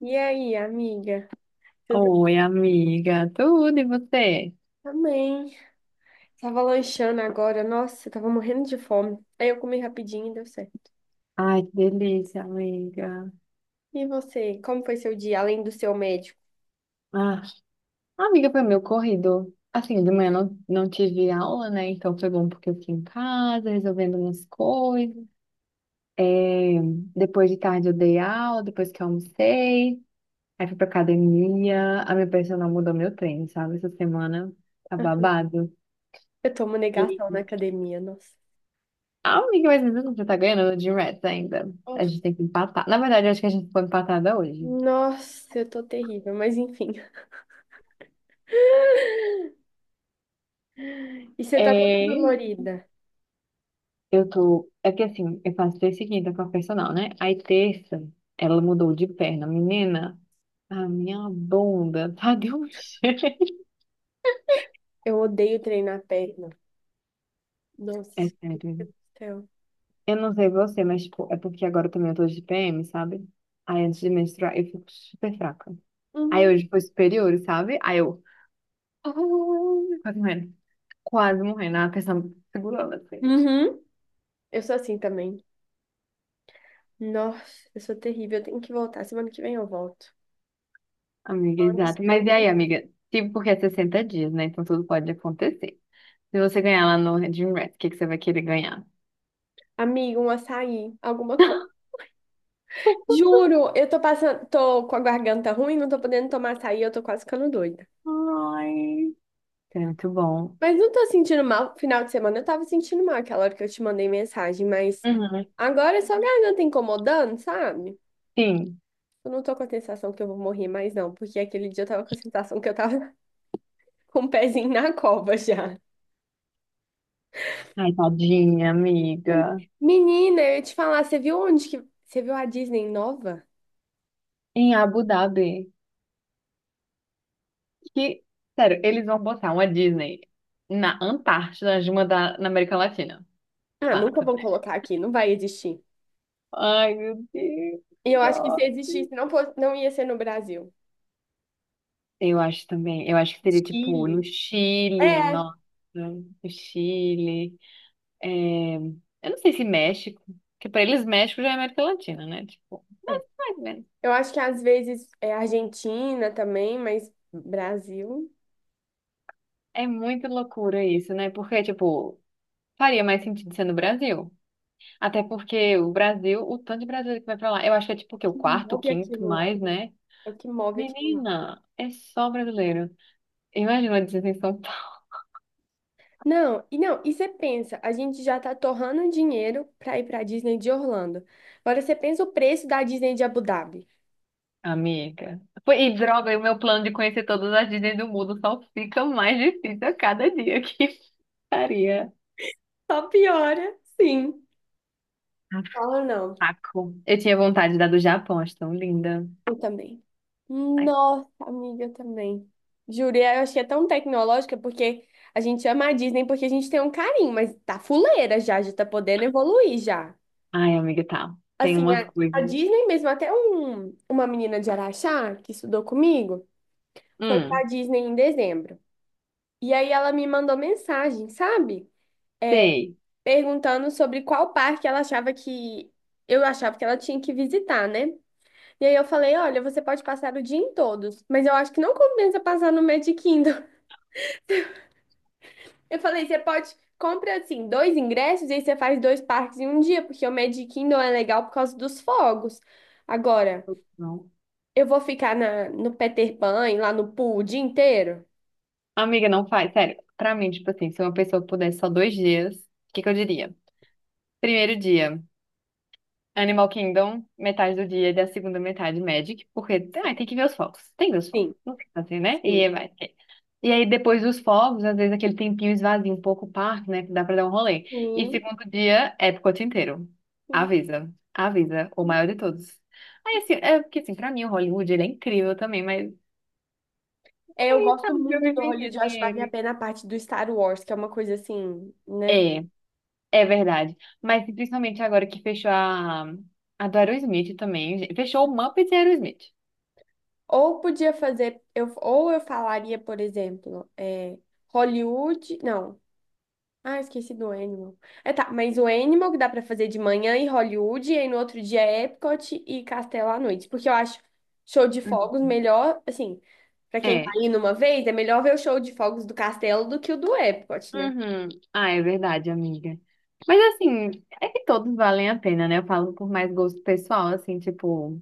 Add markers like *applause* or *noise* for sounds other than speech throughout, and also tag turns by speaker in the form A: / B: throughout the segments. A: E aí, amiga? Tudo bem?
B: Oi, amiga, tudo e você?
A: Também? Tava lanchando agora. Nossa, eu tava morrendo de fome. Aí eu comi rapidinho e deu certo.
B: Ai, que delícia, amiga.
A: E você, como foi seu dia, além do seu médico?
B: Ah, amiga, foi meu corrido. Assim, de manhã não tive aula, né? Então foi bom porque eu fiquei em casa resolvendo umas coisas. É, depois de tarde eu dei aula, depois que eu almocei. Aí fui pra academia. A minha personal mudou meu treino, sabe? Essa semana tá
A: *laughs*
B: babado.
A: Eu tomo negação
B: E,
A: na academia, nossa.
B: ah, amiga, mas às vezes você tá ganhando de Rats ainda. A
A: Nossa,
B: gente tem que empatar. Na verdade, eu acho que a gente foi empatada hoje.
A: Nossa, eu tô terrível, mas enfim. *laughs* E você tá toda
B: É.
A: dolorida.
B: Eu tô. É que assim, eu faço terça e quinta com a personal, né? Aí terça, ela mudou de perna. Menina, a minha bunda *laughs* tá de um jeito.
A: Eu odeio treinar a perna.
B: É
A: Nossa, meu
B: sério.
A: Deus do céu.
B: Eu não sei você, mas tipo, é porque agora também eu tô de PM, sabe? Aí antes de menstruar, eu fico super fraca. Aí
A: Uhum.
B: hoje foi superior, sabe? Aí eu. *laughs* Ai, quase morrendo. Quase morrendo. A pessoa me segurando assim.
A: Uhum. Eu sou assim também. Nossa, eu sou terrível. Eu tenho que voltar. Semana que vem eu volto.
B: Amiga,
A: Falando isso,
B: exato. Mas
A: tem.
B: e aí, amiga? Tipo, porque é 60 dias, né? Então tudo pode acontecer. Se você ganhar lá no Dream Race, o que você vai querer ganhar?
A: Amigo, um açaí, alguma coisa. Juro, eu tô passando, tô com a garganta ruim, não tô podendo tomar açaí, eu tô quase ficando doida.
B: Ai. É muito bom.
A: Mas não tô sentindo mal. Final de semana eu tava sentindo mal aquela hora que eu te mandei mensagem, mas
B: Uhum.
A: agora é só a garganta incomodando, sabe?
B: Sim.
A: Eu não tô com a sensação que eu vou morrer mais, não, porque aquele dia eu tava com a sensação que eu tava *laughs* com o pezinho na cova já.
B: Ai, tadinha, amiga.
A: Menina, eu ia te falar, você viu onde que. Você viu a Disney nova?
B: Em Abu Dhabi. Que, sério, eles vão botar uma Disney na Antártida, na América Latina.
A: Ah, nunca
B: Fato.
A: vão colocar aqui, não vai existir.
B: Ai, meu Deus.
A: E eu acho que se existisse, não, não ia ser no Brasil.
B: Eu acho também. Eu acho que seria tipo no
A: Chile.
B: Chile,
A: É,
B: nossa, no Chile. É, eu não sei se México, porque pra eles México já é América Latina, né? Tipo,
A: é.
B: mais ou menos.
A: Eu acho que às vezes é Argentina também, mas Brasil,
B: É muita loucura isso, né? Porque, tipo, faria mais sentido ser no Brasil. Até porque o Brasil, o tanto de brasileiro que vai pra lá, eu acho que é tipo
A: é
B: o
A: o
B: quê? O
A: que
B: quarto,
A: move
B: quinto
A: aquilo lá.
B: mais, né?
A: É o que move aquilo lá.
B: Menina, é só brasileiro. Imagina a desinfecção.
A: Não, e não, e você pensa, a gente já tá torrando dinheiro pra ir pra Disney de Orlando. Agora você pensa o preço da Disney de Abu Dhabi.
B: Amiga. Pô, e droga, e o meu plano de conhecer todas as Disney do mundo só fica mais difícil a cada dia *laughs* que faria.
A: Só piora, sim. Fala não.
B: Saco. Eu tinha vontade da do Japão, acho tão linda.
A: Eu também.
B: Ai,
A: Nossa, amiga, eu também. Juro, e eu achei tão tecnológica porque a gente ama a Disney porque a gente tem um carinho, mas tá fuleira já, já tá podendo evoluir já.
B: ai, amiga, tá. Tem
A: Assim,
B: umas
A: a
B: coisas.
A: Disney mesmo, até uma menina de Araxá que estudou comigo, foi pra
B: Hum,
A: Disney em dezembro. E aí ela me mandou mensagem, sabe?
B: sei.
A: Perguntando sobre qual parque ela achava que eu achava que ela tinha que visitar, né? E aí eu falei, olha, você pode passar o dia em todos, mas eu acho que não compensa passar no Magic Kingdom. *laughs* Eu falei, você pode compra assim dois ingressos e aí você faz dois parques em um dia, porque o Magic Kingdom é legal por causa dos fogos. Agora,
B: Não.
A: eu vou ficar no Peter Pan, e lá no pool o dia inteiro?
B: Amiga, não faz. Sério, pra mim, tipo assim, se uma pessoa pudesse só dois dias, o que eu diria? Primeiro dia, Animal Kingdom, metade do dia e a segunda metade Magic, porque ai, tem que ver os focos. Tem que ver os focos.
A: Sim,
B: Não tem que fazer, né? E
A: sim.
B: vai. E aí, depois dos fogos, às vezes aquele tempinho esvazia um pouco o parque, né? Que dá pra dar um rolê. E
A: Sim.
B: segundo dia, Epcot inteiro.
A: Sim.
B: Avisa, avisa, o maior de todos. Aí, assim, é porque, assim, pra mim o Hollywood, ele é incrível também, mas
A: É, eu
B: *laughs*
A: gosto
B: sabe que eu
A: muito do
B: vivi
A: Hollywood, eu acho
B: assim
A: que vale a
B: ele.
A: pena a parte do Star Wars, que é uma coisa assim, né?
B: É, é verdade. Mas principalmente agora que fechou a do Aerosmith também. Gente. Fechou o Muppets e Aerosmith.
A: Ou podia fazer, ou eu falaria, por exemplo, é, Hollywood. Não. Ah, esqueci do Animal. É tá, mas o Animal que dá pra fazer de manhã e Hollywood, e aí no outro dia Epcot e Castelo à noite. Porque eu acho show de
B: Uhum.
A: fogos melhor, assim, pra quem tá
B: É.
A: indo uma vez, é melhor ver o show de fogos do Castelo do que o do Epcot, né?
B: Uhum. Ah, é verdade, amiga. Mas assim, é que todos valem a pena, né? Eu falo por mais gosto pessoal, assim, tipo.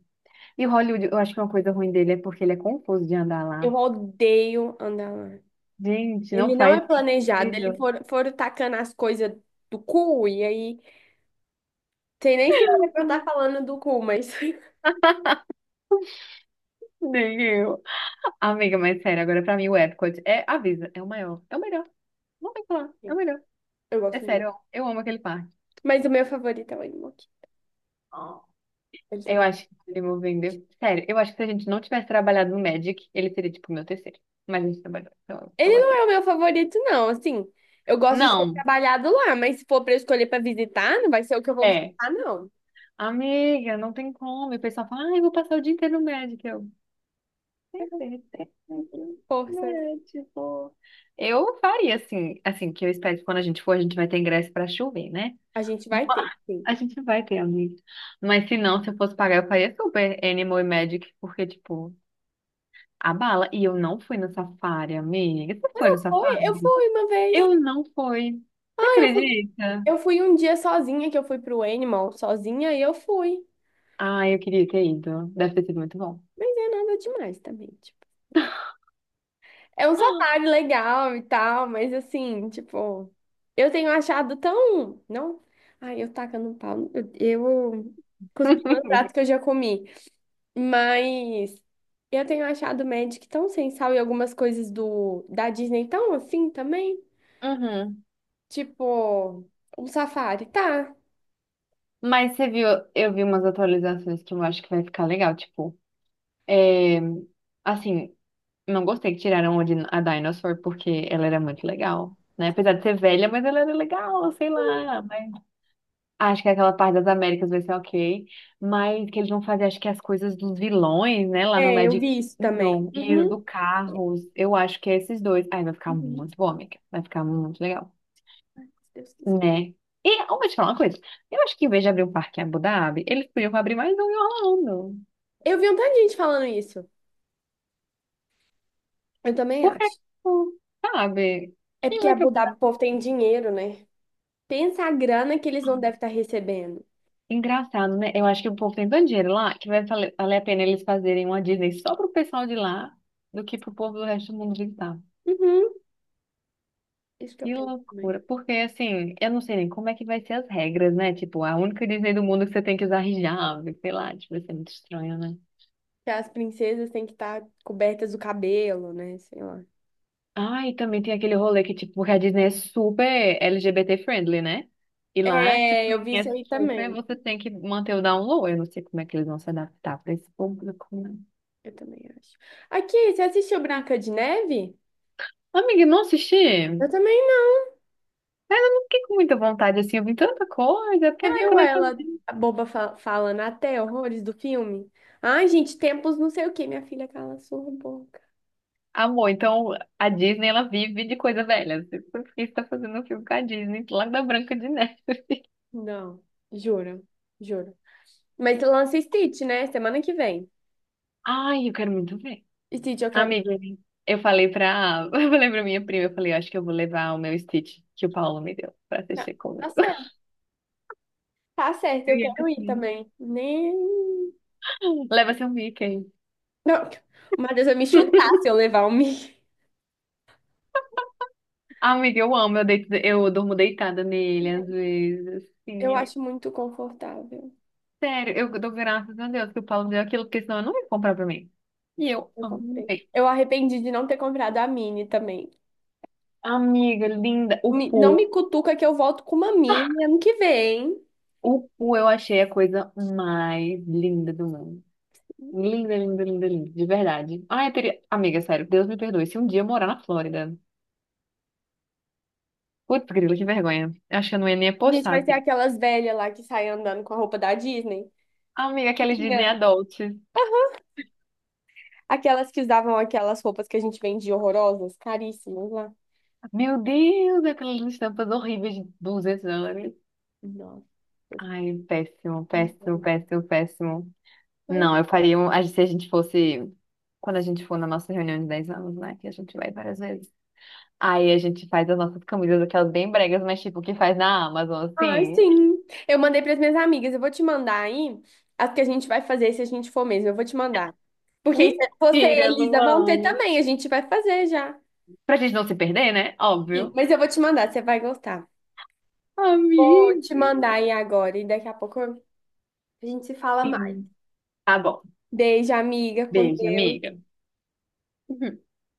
B: E Hollywood, eu acho que uma coisa ruim dele é porque ele é confuso de andar
A: Eu
B: lá.
A: odeio andar lá.
B: Gente,
A: Ele
B: não
A: não é
B: faz
A: planejado, ele
B: sentido.
A: for, foram tacando as coisas do cu, e aí, sei nem se era pra eu estar falando do cu, mas. *laughs*
B: Nem eu. Amiga, mas sério, agora pra mim o Epcot é, avisa, é o maior, é o melhor. Não tem o que falar, é o melhor.
A: Eu
B: É
A: gosto muito.
B: sério, ó, eu amo aquele parque.
A: Mas o meu favorito é o Animoca.
B: Ó,
A: Ele tem...
B: eu
A: um.
B: acho que ele me vendeu. Sério, eu acho que se a gente não tivesse trabalhado no Magic, ele seria tipo o meu terceiro. Mas a gente trabalhou, então eu
A: Ele
B: gosto
A: não
B: dele.
A: é o meu favorito, não. Assim, eu gosto de ter
B: Não,
A: trabalhado lá, mas se for pra eu escolher pra visitar, não vai ser o que eu vou
B: é.
A: visitar, não.
B: Amiga, não tem como. E o pessoal fala, ah, eu vou passar o dia inteiro no Magic. Eu. Tem certeza, né,
A: Força.
B: tipo, eu faria assim, que eu espero que quando a gente for, a gente vai ter ingresso pra chover, né?
A: A gente
B: Mas
A: vai ter, sim.
B: a gente vai ter, amigo. Mas se não, se eu fosse pagar, eu faria super Animal e Magic, porque, tipo, a bala. E eu não fui no safari, amiga. Você
A: Eu
B: foi no
A: não fui. Eu
B: safari?
A: fui uma vez.
B: Eu não fui. Você
A: Ah, eu fui.
B: acredita?
A: Eu fui um dia sozinha, que eu fui pro Animal sozinha e eu fui.
B: Ah, eu queria ter ido. Deve ter sido muito bom.
A: Mas é nada demais também. Tipo. É um safari legal e tal, mas assim, tipo, eu tenho achado tão. Não? Ai, eu tacando um pau. Eu cuspi no prato que eu
B: *laughs*
A: já comi. Mas eu tenho achado o Magic tão sem sal e algumas coisas do da Disney tão assim também.
B: Uhum.
A: Tipo, um safari, tá?
B: Mas você viu, eu vi umas atualizações que eu acho que vai ficar legal, tipo. É, assim, não gostei que tiraram a a Dinosaur porque ela era muito legal, né? Apesar de ser velha, mas ela era legal, sei lá. Mas... acho que aquela parte das Américas vai ser ok, mas que eles vão fazer, acho que as coisas dos vilões, né? Lá no
A: É, eu
B: Magic
A: vi isso também.
B: Kingdom e o
A: Uhum.
B: do Carros, eu acho que é esses dois. Ai, vai ficar
A: Uhum.
B: muito bom, amiga. Vai ficar muito legal,
A: Ai, se Deus quiser.
B: né? E eu vou te falar uma coisa. Eu acho que em vez de abrir um parque em Abu Dhabi, eles podiam abrir mais um em Orlando.
A: Eu vi um tanto de gente falando isso. Eu também
B: Porque,
A: acho.
B: tipo, sabe?
A: É
B: Quem
A: porque
B: vai pra
A: Abu Dhabi, o povo tem dinheiro, né? Pensa a grana que eles não devem estar recebendo.
B: engraçado, né? Eu acho que o povo tem tanto dinheiro lá que vai vale valer a pena eles fazerem uma Disney só pro pessoal de lá do que pro povo do resto do mundo visitar.
A: Uhum, isso que eu
B: Que
A: penso também.
B: loucura. Porque, assim, eu não sei nem como é que vai ser as regras, né? Tipo, a única Disney do mundo que você tem que usar hijab, sei lá, tipo, vai ser muito estranho, né?
A: Que as princesas têm que estar cobertas do cabelo, né? Sei lá.
B: Ah, e também tem aquele rolê que, tipo, porque a Disney é super LGBT friendly, né? E lá, tipo,
A: É, eu vi
B: é
A: isso aí
B: super,
A: também.
B: você tem que manter o down low. Eu não sei como é que eles vão se adaptar pra esse público, né?
A: Eu também acho. Aqui, você assistiu Branca de Neve?
B: Amiga, não assisti?
A: Eu também não.
B: Fiquei com muita vontade, assim, eu vi tanta coisa, porque,
A: Você
B: ai,
A: viu
B: quando ele tá...
A: ela, a boba falando até horrores do filme? Ai, gente, tempos não sei o quê. Minha filha cala a sua boca.
B: Amor, então a Disney, ela vive de coisa velha. Assim, por que você tá fazendo um filme com a Disney, lá da Branca de Neve?
A: Não, juro, juro. Mas lança Stitch, né? Semana que vem.
B: Ai, eu quero muito ver.
A: Stitch, eu quero.
B: Amiga, eu falei pra... *laughs* Eu falei pra minha prima, eu falei, eu acho que eu vou levar o meu Stitch que o Paulo me deu pra
A: Não,
B: assistir
A: tá
B: comigo.
A: certo. Tá certo, eu
B: Criança,
A: quero ir
B: sim.
A: também. Nem.
B: Leva seu Mickey.
A: Não, o Matheus vai me chutar
B: *laughs*
A: se eu levar o Mi.
B: Ah, amiga, eu amo, eu, deito, eu durmo deitada nele às vezes, assim,
A: Eu
B: eu
A: acho muito confortável.
B: sério, eu dou graças a Deus que o Paulo deu aquilo, porque senão eu não ia comprar pra mim. E eu
A: Eu comprei.
B: amei.
A: Eu arrependi de não ter comprado a mini também.
B: Amiga linda, o Pu.
A: Não me cutuca que eu volto com uma mini ano que vem.
B: O Pu eu achei a coisa mais linda do mundo. Linda, linda, linda, linda, de verdade. Ai, eu teria... Amiga, sério, Deus me perdoe. Se um dia eu morar na Flórida. Putz, grilo, que vergonha. Eu acho que eu não ia nem
A: A gente
B: postar
A: vai ser
B: assim.
A: aquelas velhas lá que saem andando com a roupa da Disney.
B: Amiga, aqueles Disney
A: Tinha.
B: Adults.
A: Aquelas que usavam aquelas roupas que a gente vendia horrorosas, caríssimas lá.
B: Meu Deus, aquelas estampas horríveis de 200 dólares.
A: Nossa.
B: Ai, péssimo, péssimo, péssimo, péssimo. Não, eu faria um. Se a gente fosse. Quando a gente for na nossa reunião de 10 anos, né? Que a gente vai várias vezes. Aí a gente faz as nossas camisas, aquelas bem bregas, mas tipo, que faz na Amazon,
A: Ah,
B: assim.
A: sim. Eu mandei para as minhas amigas. Eu vou te mandar aí as que a gente vai fazer se a gente for mesmo. Eu vou te mandar. Porque aí você e a
B: Mentira,
A: Elisa vão ter
B: Luana.
A: também. A gente vai fazer já.
B: Pra gente não se perder, né?
A: Sim,
B: Óbvio.
A: mas eu vou te mandar, você vai gostar. Vou te mandar
B: Amiga.
A: aí agora e daqui a pouco a gente se fala mais.
B: Sim. Tá bom.
A: Beijo, amiga, com
B: Beijo,
A: Deus.
B: amiga. *laughs*